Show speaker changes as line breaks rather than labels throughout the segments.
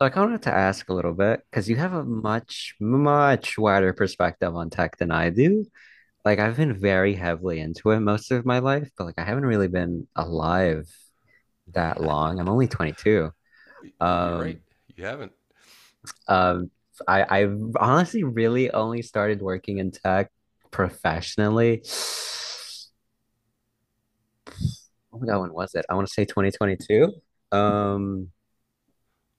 Like, I kind of wanted to ask a little bit because you have a much, much wider perspective on tech than I do. Like, I've been very heavily into it most of my life, but like, I haven't really been alive that long. I'm only 22.
You're right.
Um,
You haven't.
um, I've honestly really only started working in tech professionally. Oh my God, when was it? I want to say 2022. Um,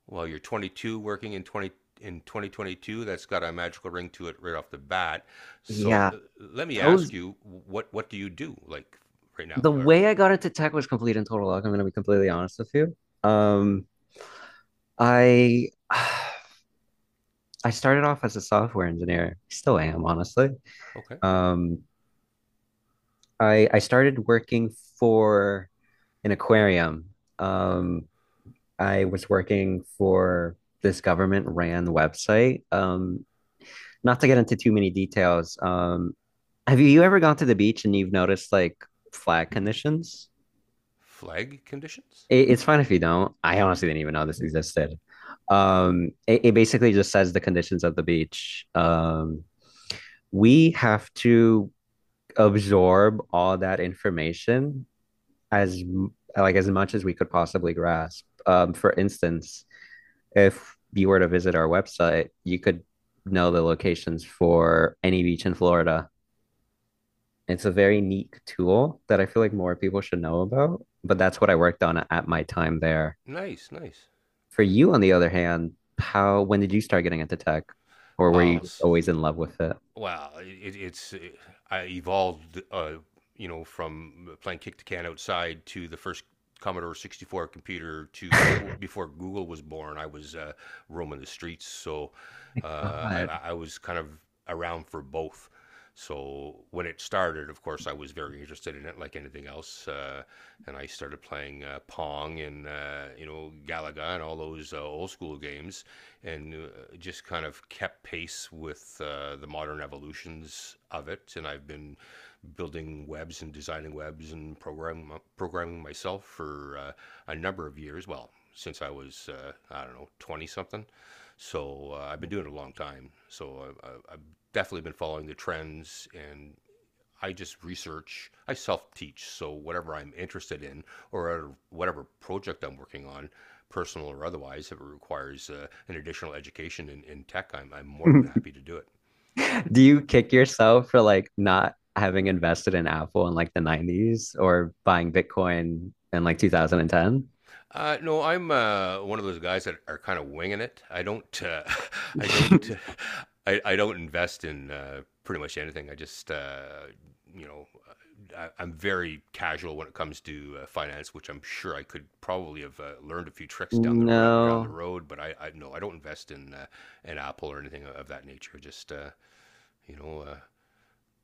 Well, you're 22, working in 20 in 2022. That's got a magical ring to it right off the bat. So
yeah,
let me
that
ask
was
you, what do you do like right now?
the
Or
way I got into tech was complete and total luck. I'm going to be completely honest with you. Um, I I started off as a software engineer. Still am, honestly.
okay,
Um, I started working for an aquarium. Um, I was working for this government ran website. Not to get into too many details. Have you ever gone to the beach and you've noticed like flag conditions?
flag conditions.
It's fine if you don't. I honestly didn't even know this existed. It basically just says the conditions of the beach. We have to absorb all that information as like as much as we could possibly grasp. For instance, if you were to visit our website, you could know the locations for any beach in Florida. It's a very neat tool that I feel like more people should know about, but that's what I worked on at my time there.
Nice, nice.
For you, on the other hand, how when did you start getting into tech, or were you
Well,
just always in love with it?
Well, I evolved, you know, from playing kick the can outside to the first Commodore 64 computer to before Google was born. I was roaming the streets, so uh, I,
God.
I was kind of around for both. So when it started, of course, I was very interested in it, like anything else. And I started playing Pong and you know, Galaga and all those old school games, and just kind of kept pace with the modern evolutions of it. And I've been building webs and designing webs and programming myself for a number of years. Well, since I was I don't know, twenty something, so I've been doing it a long time. So I've definitely been following the trends, and I just research, I self teach. So whatever I'm interested in or whatever project I'm working on, personal or otherwise, if it requires an additional education in tech, I'm more than happy to do it.
Do you kick yourself for like not having invested in Apple in like the 90s or buying Bitcoin in like 2010?
No, I'm one of those guys that are kind of winging it. I don't, I don't, uh, I don't invest in pretty much anything. I just, you know, I'm very casual when it comes to finance, which I'm sure I could probably have learned a few tricks down the
No.
road. But I no, I don't invest in an Apple or anything of that nature. Just, you know,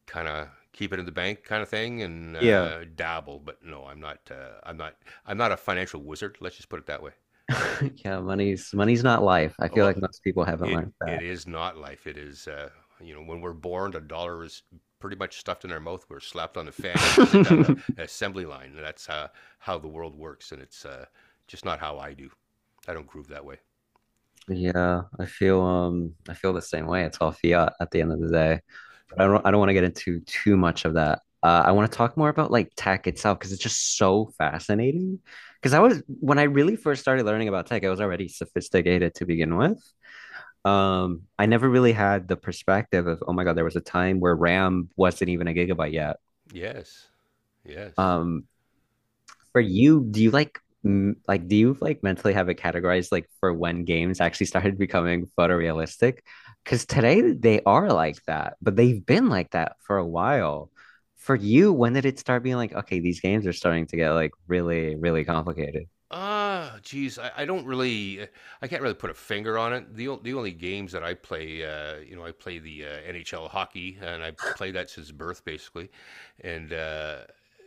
kind of keep it in the bank kind of thing, and
Yeah.
dabble. But no, I'm not a financial wizard. Let's just put it that way.
Yeah, money's money's not life. I feel
Well,
like most people haven't
it
learned
it is not life. It is you know, when we're born, a dollar is pretty much stuffed in our mouth. We're slapped on a fanny. We're set down a,
that.
an assembly line. And that's how the world works, and it's just not how I do. I don't groove that way.
Yeah, I feel the same way. It's all fiat at the end of the day. But I don't want to get into too much of that. I want to talk more about like tech itself because it's just so fascinating. Because I was when I really first started learning about tech, I was already sophisticated to begin with. I never really had the perspective of, oh my God, there was a time where RAM wasn't even a gigabyte yet.
Yes, yes.
Um, for you, do you like like do you like mentally have it categorized like for when games actually started becoming photorealistic? Because today they are like that, but they've been like that for a while. For you, when did it start being like, okay, these games are starting to get like really, really complicated?
Ah, geez, I can't really put a finger on it. The only games that I play, you know, I play the NHL hockey, and I play that since birth, basically. And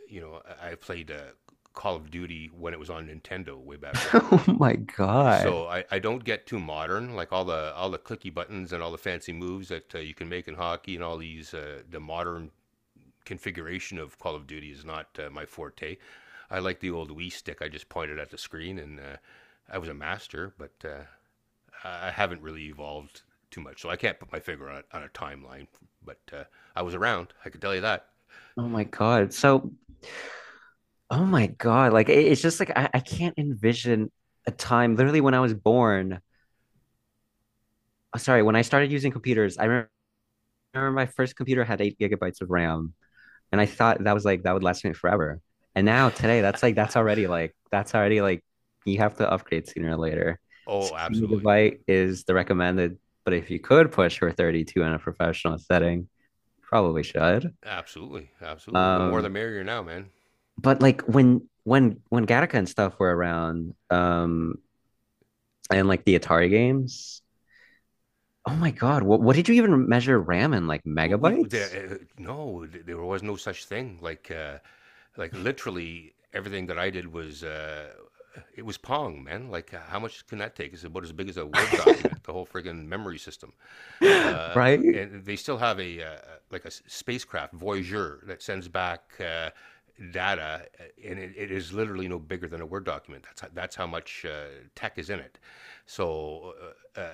you know, I played Call of Duty when it was on Nintendo way back when.
Oh my God.
So I don't get too modern, like all the clicky buttons and all the fancy moves that you can make in hockey and all these the modern configuration of Call of Duty is not my forte. I like the old Wii stick. I just pointed at the screen, and I was a master, but I haven't really evolved too much, so I can't put my finger on a timeline. But I was around. I can tell you that.
Oh my God. Like, it's just like I can't envision a time literally when I was born. Sorry, when I started using computers, remember my first computer had 8 gigabytes of RAM. And I thought that was like that would last me forever. And
Yeah.
now today, that's like that's already like that's already like you have to upgrade sooner or later.
Oh,
Sixteen
absolutely,
gigabyte is the recommended, but if you could push for 32 in a professional setting, probably should.
absolutely, absolutely. The more the
Um,
merrier now, man.
but like when Gattaca and stuff were around, and like the Atari games, oh my God, what did you even measure RAM in like megabytes?
No, there was no such thing. Like literally everything that I did was it was Pong, man. Like, how much can that take? It's about as big as a Word document. The whole friggin' memory system, uh,
Right?
and they still have a like a spacecraft Voyager that sends back data and it is literally no bigger than a Word document. That's how, that's how much tech is in it. So uh, uh,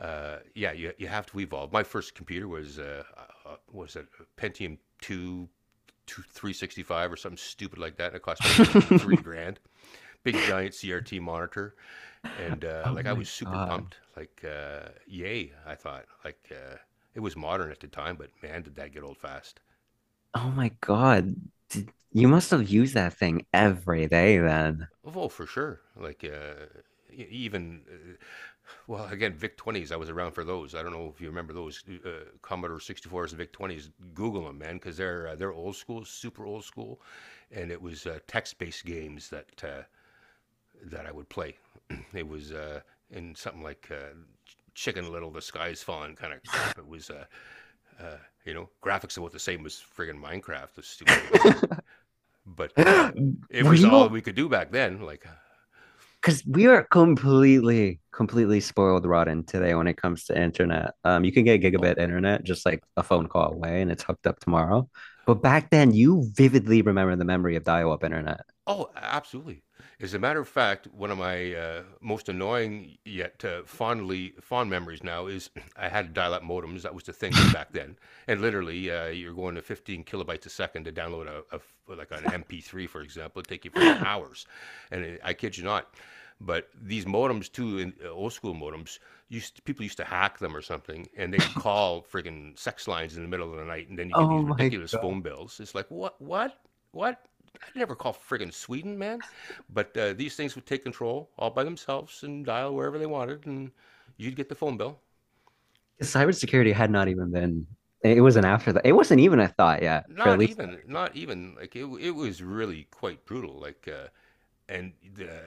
yeah, you have to evolve. My first computer was a Pentium 2, 365 or something stupid like that, and it cost me three three grand. Big giant CRT monitor, and
Oh
like I
my
was super
God.
pumped. Like yay, I thought. Like it was modern at the time, but man, did that get old fast.
Oh my God. Did, you must have used that thing every day then.
Oh, for sure. Like e- even well, again, VIC 20s, I was around for those. I don't know if you remember those Commodore 64s and VIC 20s. Google them, man, because they're old school, super old school. And it was text based games that I would play. It was in something like Chicken Little, the sky's falling, kind of crap. It was, uh, you know, graphics about the same as friggin' Minecraft, the stupid game. But it
Were
was all
you?
we could do back then. Like,
Because we are completely, completely spoiled rotten today when it comes to internet. You can get
oh,
gigabit internet just like a phone call away and it's hooked up tomorrow. But back then, you vividly remember the memory of dial-up internet.
oh, absolutely. As a matter of fact, one of my most annoying yet fondly fond memories now is I had dial-up modems. That was the thing back then, and literally you're going to 15 kilobytes a second to download like an MP3, for example. It'd take you friggin' hours, and it, I kid you not. But these modems too, in, old school modems, people used to hack them or something, and they would call friggin' sex lines in the middle of the night, and then you get these
Oh my
ridiculous
God.
phone bills. It's like what, what? I would never call friggin' Sweden, man. But these things would take control all by themselves and dial wherever they wanted, and you'd get the phone bill.
Cybersecurity had not even been, it wasn't after that. It wasn't even a thought yet, for at
Not
least.
even, not even like it. It was really quite brutal. Like, and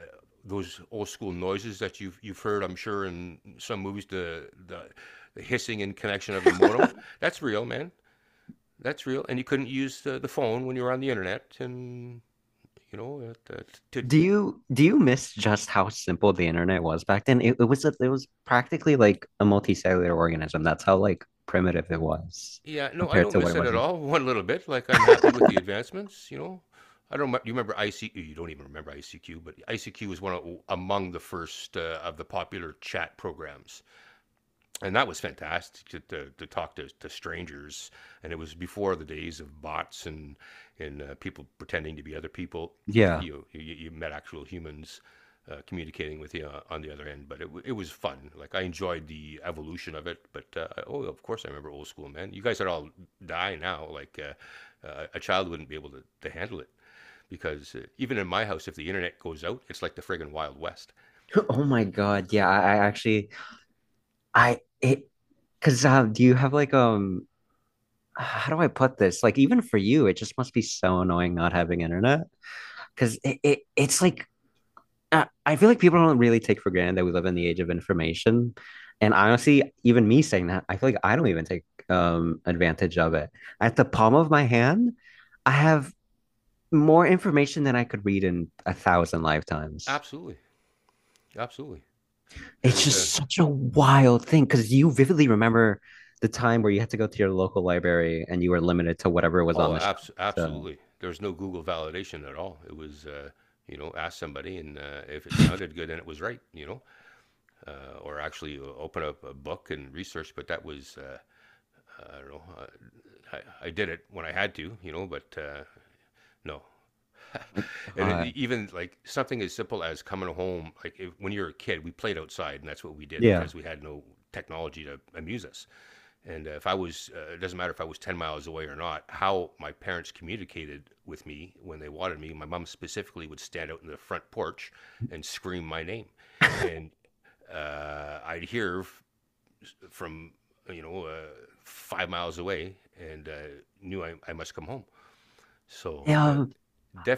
those old school noises that you've heard, I'm sure, in some movies, the hissing and connection of the modem. That's real, man. That's real. And you couldn't use the phone when you were on the internet, and you know, to
Do you miss just how simple the internet was back then? It was a, it was practically like a multicellular organism. That's how like primitive it was
yeah, no, I
compared
don't
to what
miss
it
it
was
at
now.
all. One little bit. Like, I'm happy with the advancements. You know, I don't. Remem- you remember ICQ? You don't even remember ICQ, but ICQ was one of, among the first of the popular chat programs, and that was fantastic to talk to strangers. And it was before the days of bots and people pretending to be other people. Like
Yeah.
you met actual humans communicating with you on the other end. But it was fun. Like, I enjoyed the evolution of it. But oh, of course, I remember old school, man. You guys would all die now. Like a child wouldn't be able to handle it because even in my house, if the internet goes out, it's like the friggin' wild west.
Oh my God. Yeah. I actually I it because do you have like how do I put this? Like even for you, it just must be so annoying not having internet because it's like I feel like people don't really take for granted that we live in the age of information. And honestly, even me saying that, I feel like I don't even take advantage of it. At the palm of my hand, I have more information than I could read in a thousand lifetimes.
Absolutely, absolutely.
It's
There's a
just such a wild thing because you vividly remember the time where you had to go to your local library and you were limited to whatever was on
oh,
the shelf. So,
absolutely. There's no Google validation at all. It was, you know, ask somebody, and if it sounded good, then it was right, you know, or actually open up a book and research. But that was, I don't know, I did it when I had to, you know, but no.
my
And it,
God.
even like something as simple as coming home, like if, when you're a kid, we played outside, and that's what we did
Yeah.
because we had no technology to amuse us. And if I was, it doesn't matter if I was 10 miles away or not, how my parents communicated with me when they wanted me, my mom specifically would stand out in the front porch and scream my name. And I'd hear from, you know, 5 miles away, and knew I must come home. So,
Yeah,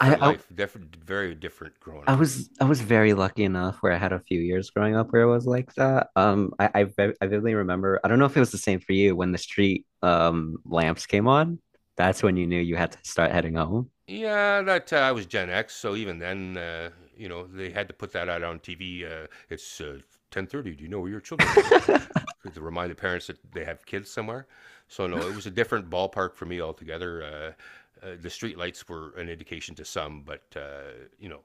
I, I
life, different, very different growing up.
I was very lucky enough where I had a few years growing up where it was like that. I vividly remember. I don't know if it was the same for you when the street lamps came on. That's when you knew you had to start heading home.
Yeah, that I was Gen X, so even then, you know, they had to put that out on TV. It's 10:30. Do you know where your children are? To remind the parents that they have kids somewhere. So no, it was a different ballpark for me altogether. The streetlights were an indication to some, but you know,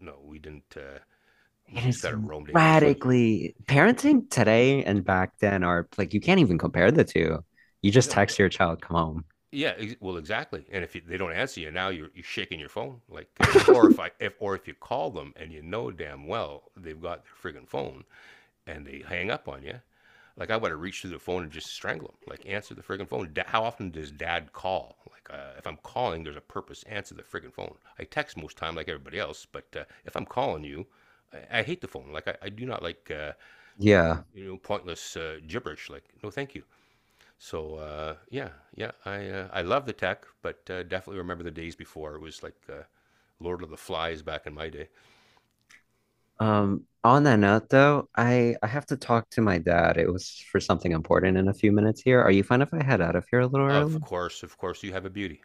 no, we didn't. We
It
just
is
kind of roamed aimlessly.
radically
Yeah.
parenting today and back then are like you can't even compare the two. You just
No,
text your child, come home.
Exactly. And if you, they don't answer you now, you're shaking your phone. Like, or if I, if or if you call them and you know damn well they've got their friggin' phone and they hang up on you, like I would have reached through the phone and just strangle him. Like, answer the friggin' phone. How often does dad call? Like if I'm calling, there's a purpose. Answer the friggin' phone. I text most time like everybody else, but if I'm calling you, I hate the phone. Like I do not like
Yeah.
you know, pointless gibberish. Like, no, thank you. So yeah, I love the tech, but definitely remember the days before it was like Lord of the Flies back in my day.
On that note though, I have to talk to my dad. It was for something important in a few minutes here. Are you fine if I head out of here a little early?
Of course, you have a beauty.